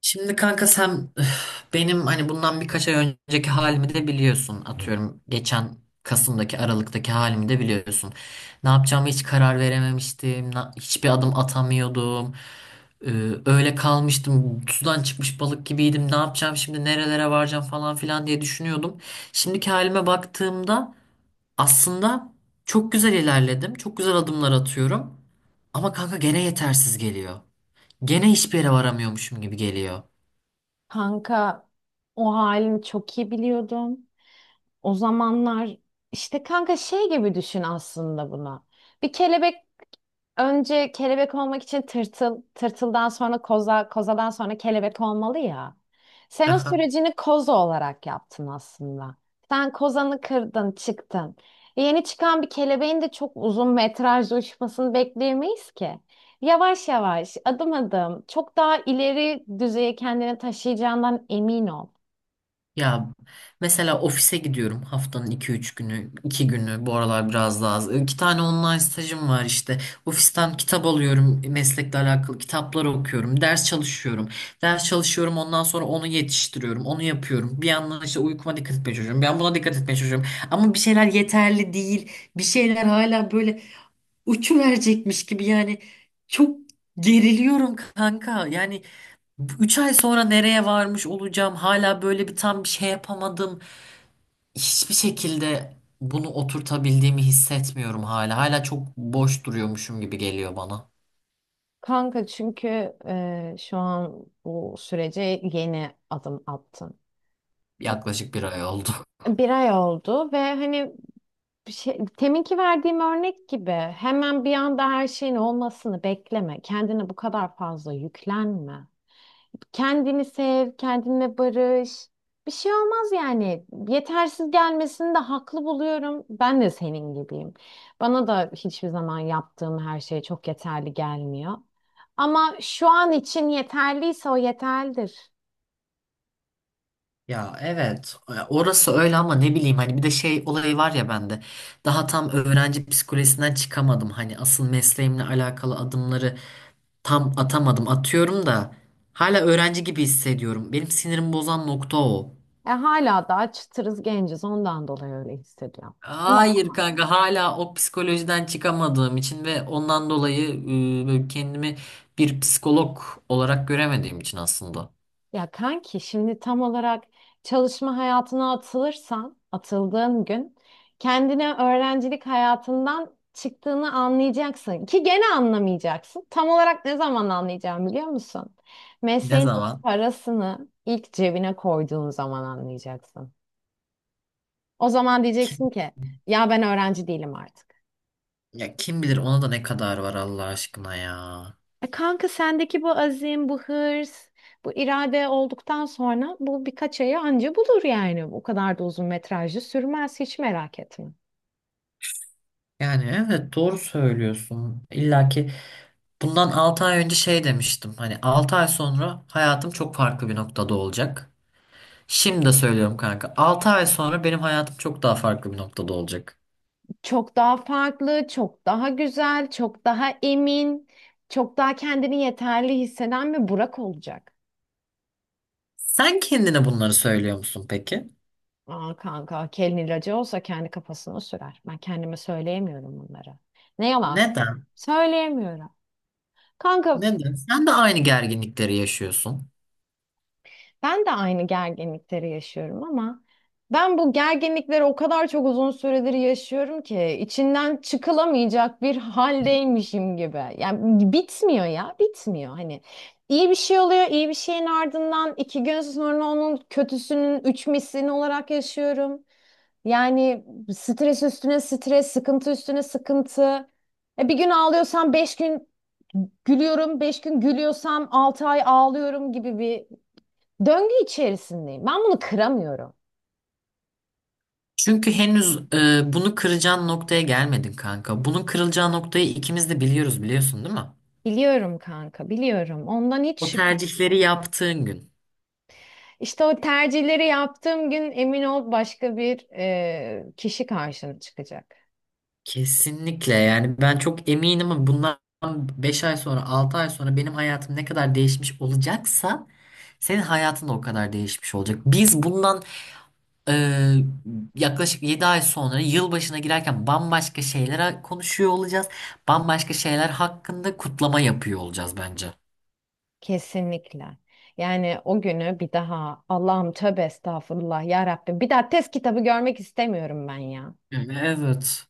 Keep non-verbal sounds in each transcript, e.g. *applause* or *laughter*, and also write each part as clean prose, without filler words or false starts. Şimdi kanka sen öf, benim hani bundan birkaç ay önceki halimi de biliyorsun. Atıyorum geçen Kasım'daki Aralık'taki halimi de biliyorsun. Ne yapacağımı hiç karar verememiştim. Hiçbir adım atamıyordum. Ee, öyle kalmıştım. Sudan çıkmış balık gibiydim. Ne yapacağım şimdi nerelere varacağım falan filan diye düşünüyordum. Şimdiki halime baktığımda aslında çok güzel ilerledim. Çok güzel adımlar atıyorum. Ama kanka gene yetersiz geliyor. Gene hiçbir yere varamıyormuşum gibi geliyor. Kanka o halini çok iyi biliyordum. O zamanlar işte kanka şey gibi düşün aslında buna. Bir kelebek önce kelebek olmak için tırtıl, tırtıldan sonra koza, kozadan sonra kelebek olmalı ya. Sen o Aha. sürecini koza olarak yaptın aslında. Sen kozanı kırdın, çıktın. Yeni çıkan bir kelebeğin de çok uzun metrajlı uçmasını bekleyemeyiz ki. Yavaş yavaş, adım adım, çok daha ileri düzeye kendini taşıyacağından emin ol. Ya mesela ofise gidiyorum haftanın 2-3 günü, 2 günü bu aralar biraz daha az. 2 tane online stajım var işte. Ofisten kitap alıyorum, meslekle alakalı kitaplar okuyorum, ders çalışıyorum. Ders çalışıyorum ondan sonra onu yetiştiriyorum, onu yapıyorum. Bir yandan işte uykuma dikkat etmeye çalışıyorum, ben buna dikkat etmeye çalışıyorum. Ama bir şeyler yeterli değil, bir şeyler hala böyle uçuverecekmiş gibi yani çok geriliyorum kanka. Yani 3 ay sonra nereye varmış olacağım? Hala böyle bir tam bir şey yapamadım. Hiçbir şekilde bunu oturtabildiğimi hissetmiyorum hala. Hala çok boş duruyormuşum gibi geliyor bana. Kanka çünkü şu an bu sürece yeni adım attın. Yaklaşık 1 ay oldu. Bir ay oldu ve hani bir şey, teminki verdiğim örnek gibi hemen bir anda her şeyin olmasını bekleme. Kendine bu kadar fazla yüklenme. Kendini sev, kendinle barış. Bir şey olmaz yani. Yetersiz gelmesini de haklı buluyorum. Ben de senin gibiyim. Bana da hiçbir zaman yaptığım her şey çok yeterli gelmiyor. Ama şu an için yeterliyse o yeterlidir. Ya evet orası öyle ama ne bileyim hani bir de şey olayı var ya bende daha tam öğrenci psikolojisinden çıkamadım hani asıl mesleğimle alakalı adımları tam atamadım atıyorum da hala öğrenci gibi hissediyorum benim sinirimi bozan nokta o. E hala daha çıtırız genciz ondan dolayı öyle hissediyorum. Ama Hayır kanka hala o psikolojiden çıkamadığım için ve ondan dolayı böyle kendimi bir psikolog olarak göremediğim için aslında. Ya kanki şimdi tam olarak çalışma hayatına atılırsan, atıldığın gün kendine öğrencilik hayatından çıktığını anlayacaksın ki gene anlamayacaksın. Tam olarak ne zaman anlayacağım biliyor musun? Ne Mesleğin zaman? parasını ilk cebine koyduğun zaman anlayacaksın. O zaman Kim, diyeceksin ki ya ben öğrenci değilim artık. ya kim bilir ona da ne kadar var Allah aşkına ya. E, kanka sendeki bu azim, bu hırs, bu irade olduktan sonra bu birkaç ayı anca bulur yani. O kadar da uzun metrajlı sürmez hiç merak etme. Yani evet doğru söylüyorsun. İlla ki bundan 6 ay önce şey demiştim. Hani 6 ay sonra hayatım çok farklı bir noktada olacak. Şimdi de söylüyorum kanka. 6 ay sonra benim hayatım çok daha farklı bir noktada olacak. Çok daha farklı, çok daha güzel, çok daha emin, çok daha kendini yeterli hisseden bir Burak olacak. Sen kendine bunları söylüyor musun peki? Aa kanka, kelin ilacı olsa kendi kafasına sürer. Ben kendime söyleyemiyorum bunları. Ne yalan söyleyeyim. Neden? Söyleyemiyorum. Kanka, Neden? Sen de aynı gerginlikleri yaşıyorsun. ben de aynı gerginlikleri yaşıyorum ama ben bu gerginlikleri o kadar çok uzun süredir yaşıyorum ki içinden çıkılamayacak bir haldeymişim gibi. Yani bitmiyor ya, bitmiyor. Hani iyi bir şey oluyor, iyi bir şeyin ardından iki gün sonra onun kötüsünün üç mislini olarak yaşıyorum. Yani stres üstüne stres, sıkıntı üstüne sıkıntı. E bir gün ağlıyorsam beş gün gülüyorum, beş gün gülüyorsam altı ay ağlıyorum gibi bir döngü içerisindeyim. Ben bunu kıramıyorum. Çünkü henüz bunu kıracağın noktaya gelmedin kanka. Bunun kırılacağı noktayı ikimiz de biliyoruz biliyorsun değil mi? Biliyorum kanka, biliyorum. Ondan hiç O şüphem yok. tercihleri yaptığın gün. İşte o tercihleri yaptığım gün emin ol başka bir kişi karşına çıkacak. Kesinlikle yani ben çok eminim ama bundan 5 ay sonra 6 ay sonra benim hayatım ne kadar değişmiş olacaksa senin hayatın da o kadar değişmiş olacak. Biz bundan Ee, yaklaşık 7 ay sonra yılbaşına girerken bambaşka şeyler konuşuyor olacağız. Bambaşka şeyler hakkında kutlama yapıyor olacağız bence. Kesinlikle. Yani o günü bir daha Allah'ım tövbe estağfurullah ya Rabbim bir daha test kitabı görmek istemiyorum ben ya. Evet.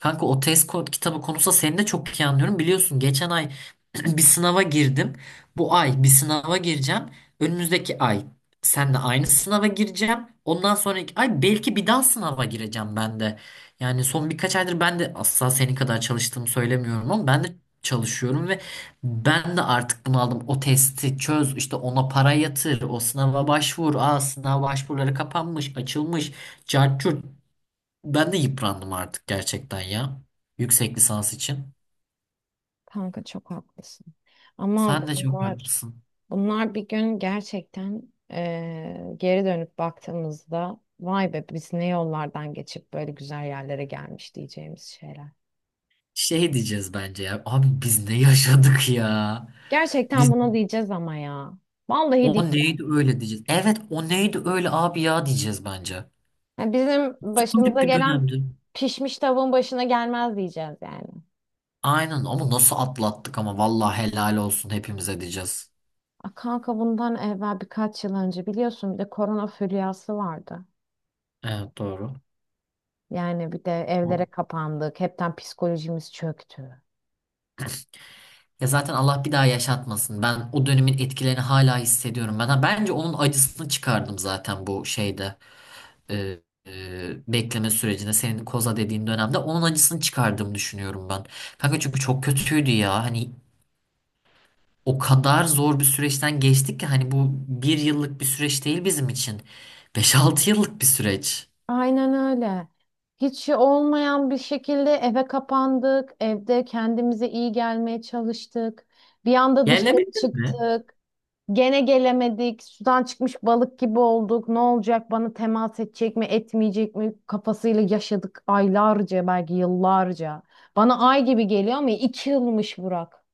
Kanka o test kod kitabı konusunda seni de çok iyi anlıyorum. Biliyorsun geçen ay *clears throat* bir sınava girdim. Bu ay bir sınava gireceğim. Önümüzdeki ay seninle aynı sınava gireceğim. Ondan sonraki ay belki bir daha sınava gireceğim ben de. Yani son birkaç aydır ben de asla senin kadar çalıştığımı söylemiyorum ama ben de çalışıyorum ve ben de artık bunaldım. O testi çöz, işte ona para yatır, o sınava başvur. Aa sınav başvuruları kapanmış, açılmış. Cart curt. Ben de yıprandım artık gerçekten ya. Yüksek lisans için. Kanka çok haklısın. Ama Sen de çok bunlar haklısın. Bunlar bir gün gerçekten geri dönüp baktığımızda vay be biz ne yollardan geçip böyle güzel yerlere gelmiş diyeceğimiz şeyler. Şey diyeceğiz bence ya. Abi biz ne yaşadık ya? Biz Gerçekten buna diyeceğiz ama ya. Vallahi o diyeceğiz. neydi öyle diyeceğiz. Evet o neydi öyle abi ya diyeceğiz bence. Ya bizim Çok başımıza garip bir gelen dönemdi. pişmiş tavuğun başına gelmez diyeceğiz yani. Aynen ama nasıl atlattık ama vallahi helal olsun hepimize diyeceğiz. A kanka bundan evvel birkaç yıl önce biliyorsun bir de korona furyası vardı. Evet doğru. Yani bir de evlere kapandık. Hepten psikolojimiz çöktü. Ya zaten Allah bir daha yaşatmasın. Ben o dönemin etkilerini hala hissediyorum. Ben bence onun acısını çıkardım zaten bu şeyde. e, bekleme sürecinde senin koza dediğin dönemde onun acısını çıkardığımı düşünüyorum ben. Kanka çünkü çok kötüydü ya. Hani o kadar zor bir süreçten geçtik ki hani bu 1 yıllık bir süreç değil bizim için. 5-6 yıllık bir süreç. Aynen öyle. Hiç şey olmayan bir şekilde eve kapandık. Evde kendimize iyi gelmeye çalıştık. Bir anda Yerle mi? dışarı çıktık. Gene gelemedik. Sudan çıkmış balık gibi olduk. Ne olacak? Bana temas edecek mi, etmeyecek mi? Kafasıyla yaşadık aylarca, belki yıllarca. Bana ay gibi geliyor ama iki yılmış Burak.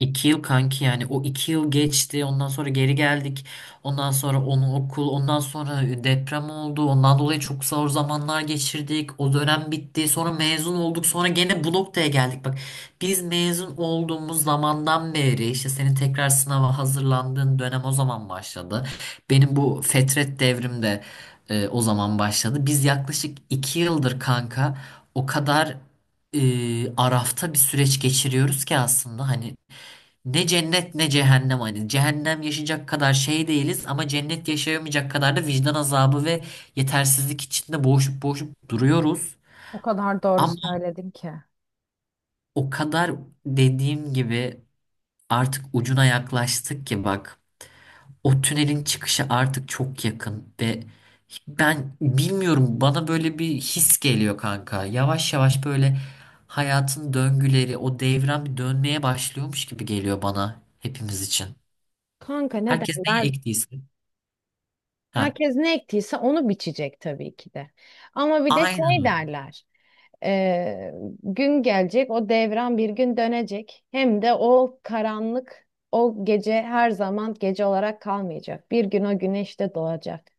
2 yıl kanki yani o 2 yıl geçti ondan sonra geri geldik ondan sonra onu okul ondan sonra deprem oldu ondan dolayı çok zor zamanlar geçirdik o dönem bitti sonra mezun olduk sonra gene bu noktaya geldik bak biz mezun olduğumuz zamandan beri işte senin tekrar sınava hazırlandığın dönem o zaman başladı benim bu fetret devrim de o zaman başladı biz yaklaşık 2 yıldır kanka o kadar arafta bir süreç geçiriyoruz ki aslında hani ne cennet ne cehennem hani. Cehennem yaşayacak kadar şey değiliz ama cennet yaşayamayacak kadar da vicdan azabı ve yetersizlik içinde boğuşup boğuşup duruyoruz. O kadar doğru Ama söyledin ki. o kadar dediğim gibi artık ucuna yaklaştık ki bak o tünelin çıkışı artık çok yakın ve ben bilmiyorum bana böyle bir his geliyor kanka. Yavaş yavaş böyle hayatın döngüleri o devran bir dönmeye başlıyormuş gibi geliyor bana hepimiz için. Kanka ne Herkes neyi derler? ektiyse. Ha. Herkes ne ektiyse onu biçecek tabii ki de. Ama bir de Aynen şey öyle. derler. e, Gün gelecek, o devran bir gün dönecek. Hem de o karanlık, o gece her zaman gece olarak kalmayacak. Bir gün o güneş de doğacak.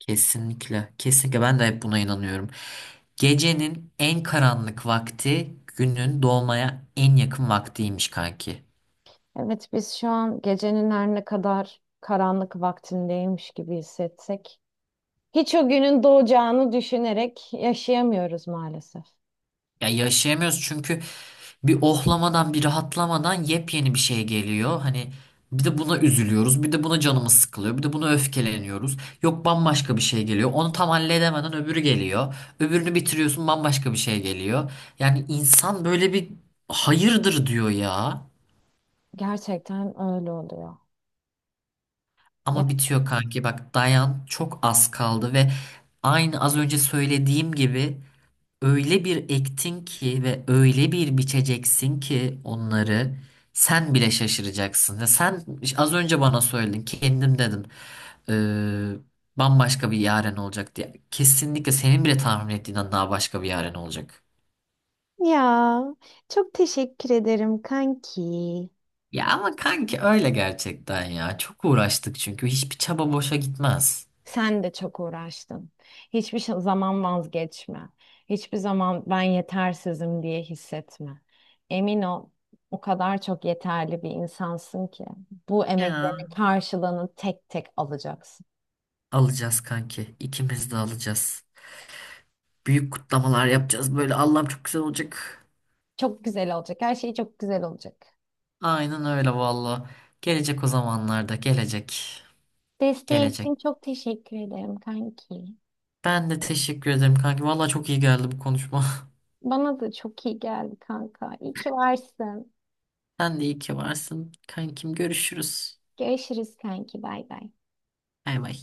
Kesinlikle. Kesinlikle ben de hep buna inanıyorum. Gecenin en karanlık vakti günün doğmaya en yakın vaktiymiş kanki. Evet, biz şu an gecenin her ne kadar karanlık vaktindeymiş gibi hissetsek, hiç o günün doğacağını düşünerek yaşayamıyoruz maalesef. Ya yaşayamıyoruz çünkü bir ohlamadan bir rahatlamadan yepyeni bir şey geliyor. Hani bir de buna üzülüyoruz, bir de buna canımız sıkılıyor, bir de buna öfkeleniyoruz. Yok bambaşka bir şey geliyor. Onu tam halledemeden öbürü geliyor. Öbürünü bitiriyorsun bambaşka bir şey geliyor. Yani insan böyle bir hayırdır diyor ya. Gerçekten öyle oluyor. Ama bitiyor kanki bak dayan çok az kaldı ve aynı az önce söylediğim gibi öyle bir ektin ki ve öyle bir biçeceksin ki onları sen bile şaşıracaksın. Ve sen az önce bana söyledin kendim dedin "Ee, bambaşka bir yaren olacak diye. Kesinlikle senin bile tahmin ettiğinden daha başka bir yaren olacak. Ya çok teşekkür ederim kanki. Ya ama kanki öyle gerçekten ya çok uğraştık çünkü hiçbir çaba boşa gitmez. Sen de çok uğraştın. Hiçbir zaman vazgeçme. Hiçbir zaman ben yetersizim diye hissetme. Emin ol, o kadar çok yeterli bir insansın ki bu Ya. emeklerin karşılığını tek tek alacaksın. Alacağız kanki. İkimiz de alacağız. Büyük kutlamalar yapacağız. Böyle Allah'ım çok güzel olacak. Çok güzel olacak. Her şey çok güzel olacak. Aynen öyle valla. Gelecek o zamanlarda. Gelecek. Desteğin Gelecek. için çok teşekkür ederim kanki. Ben de teşekkür ederim kanki. Valla çok iyi geldi bu konuşma. Bana da çok iyi geldi kanka. İyi ki varsın. *laughs* Sen de iyi ki varsın. Kankim görüşürüz. Görüşürüz kanki. Bay bay. Bay bay.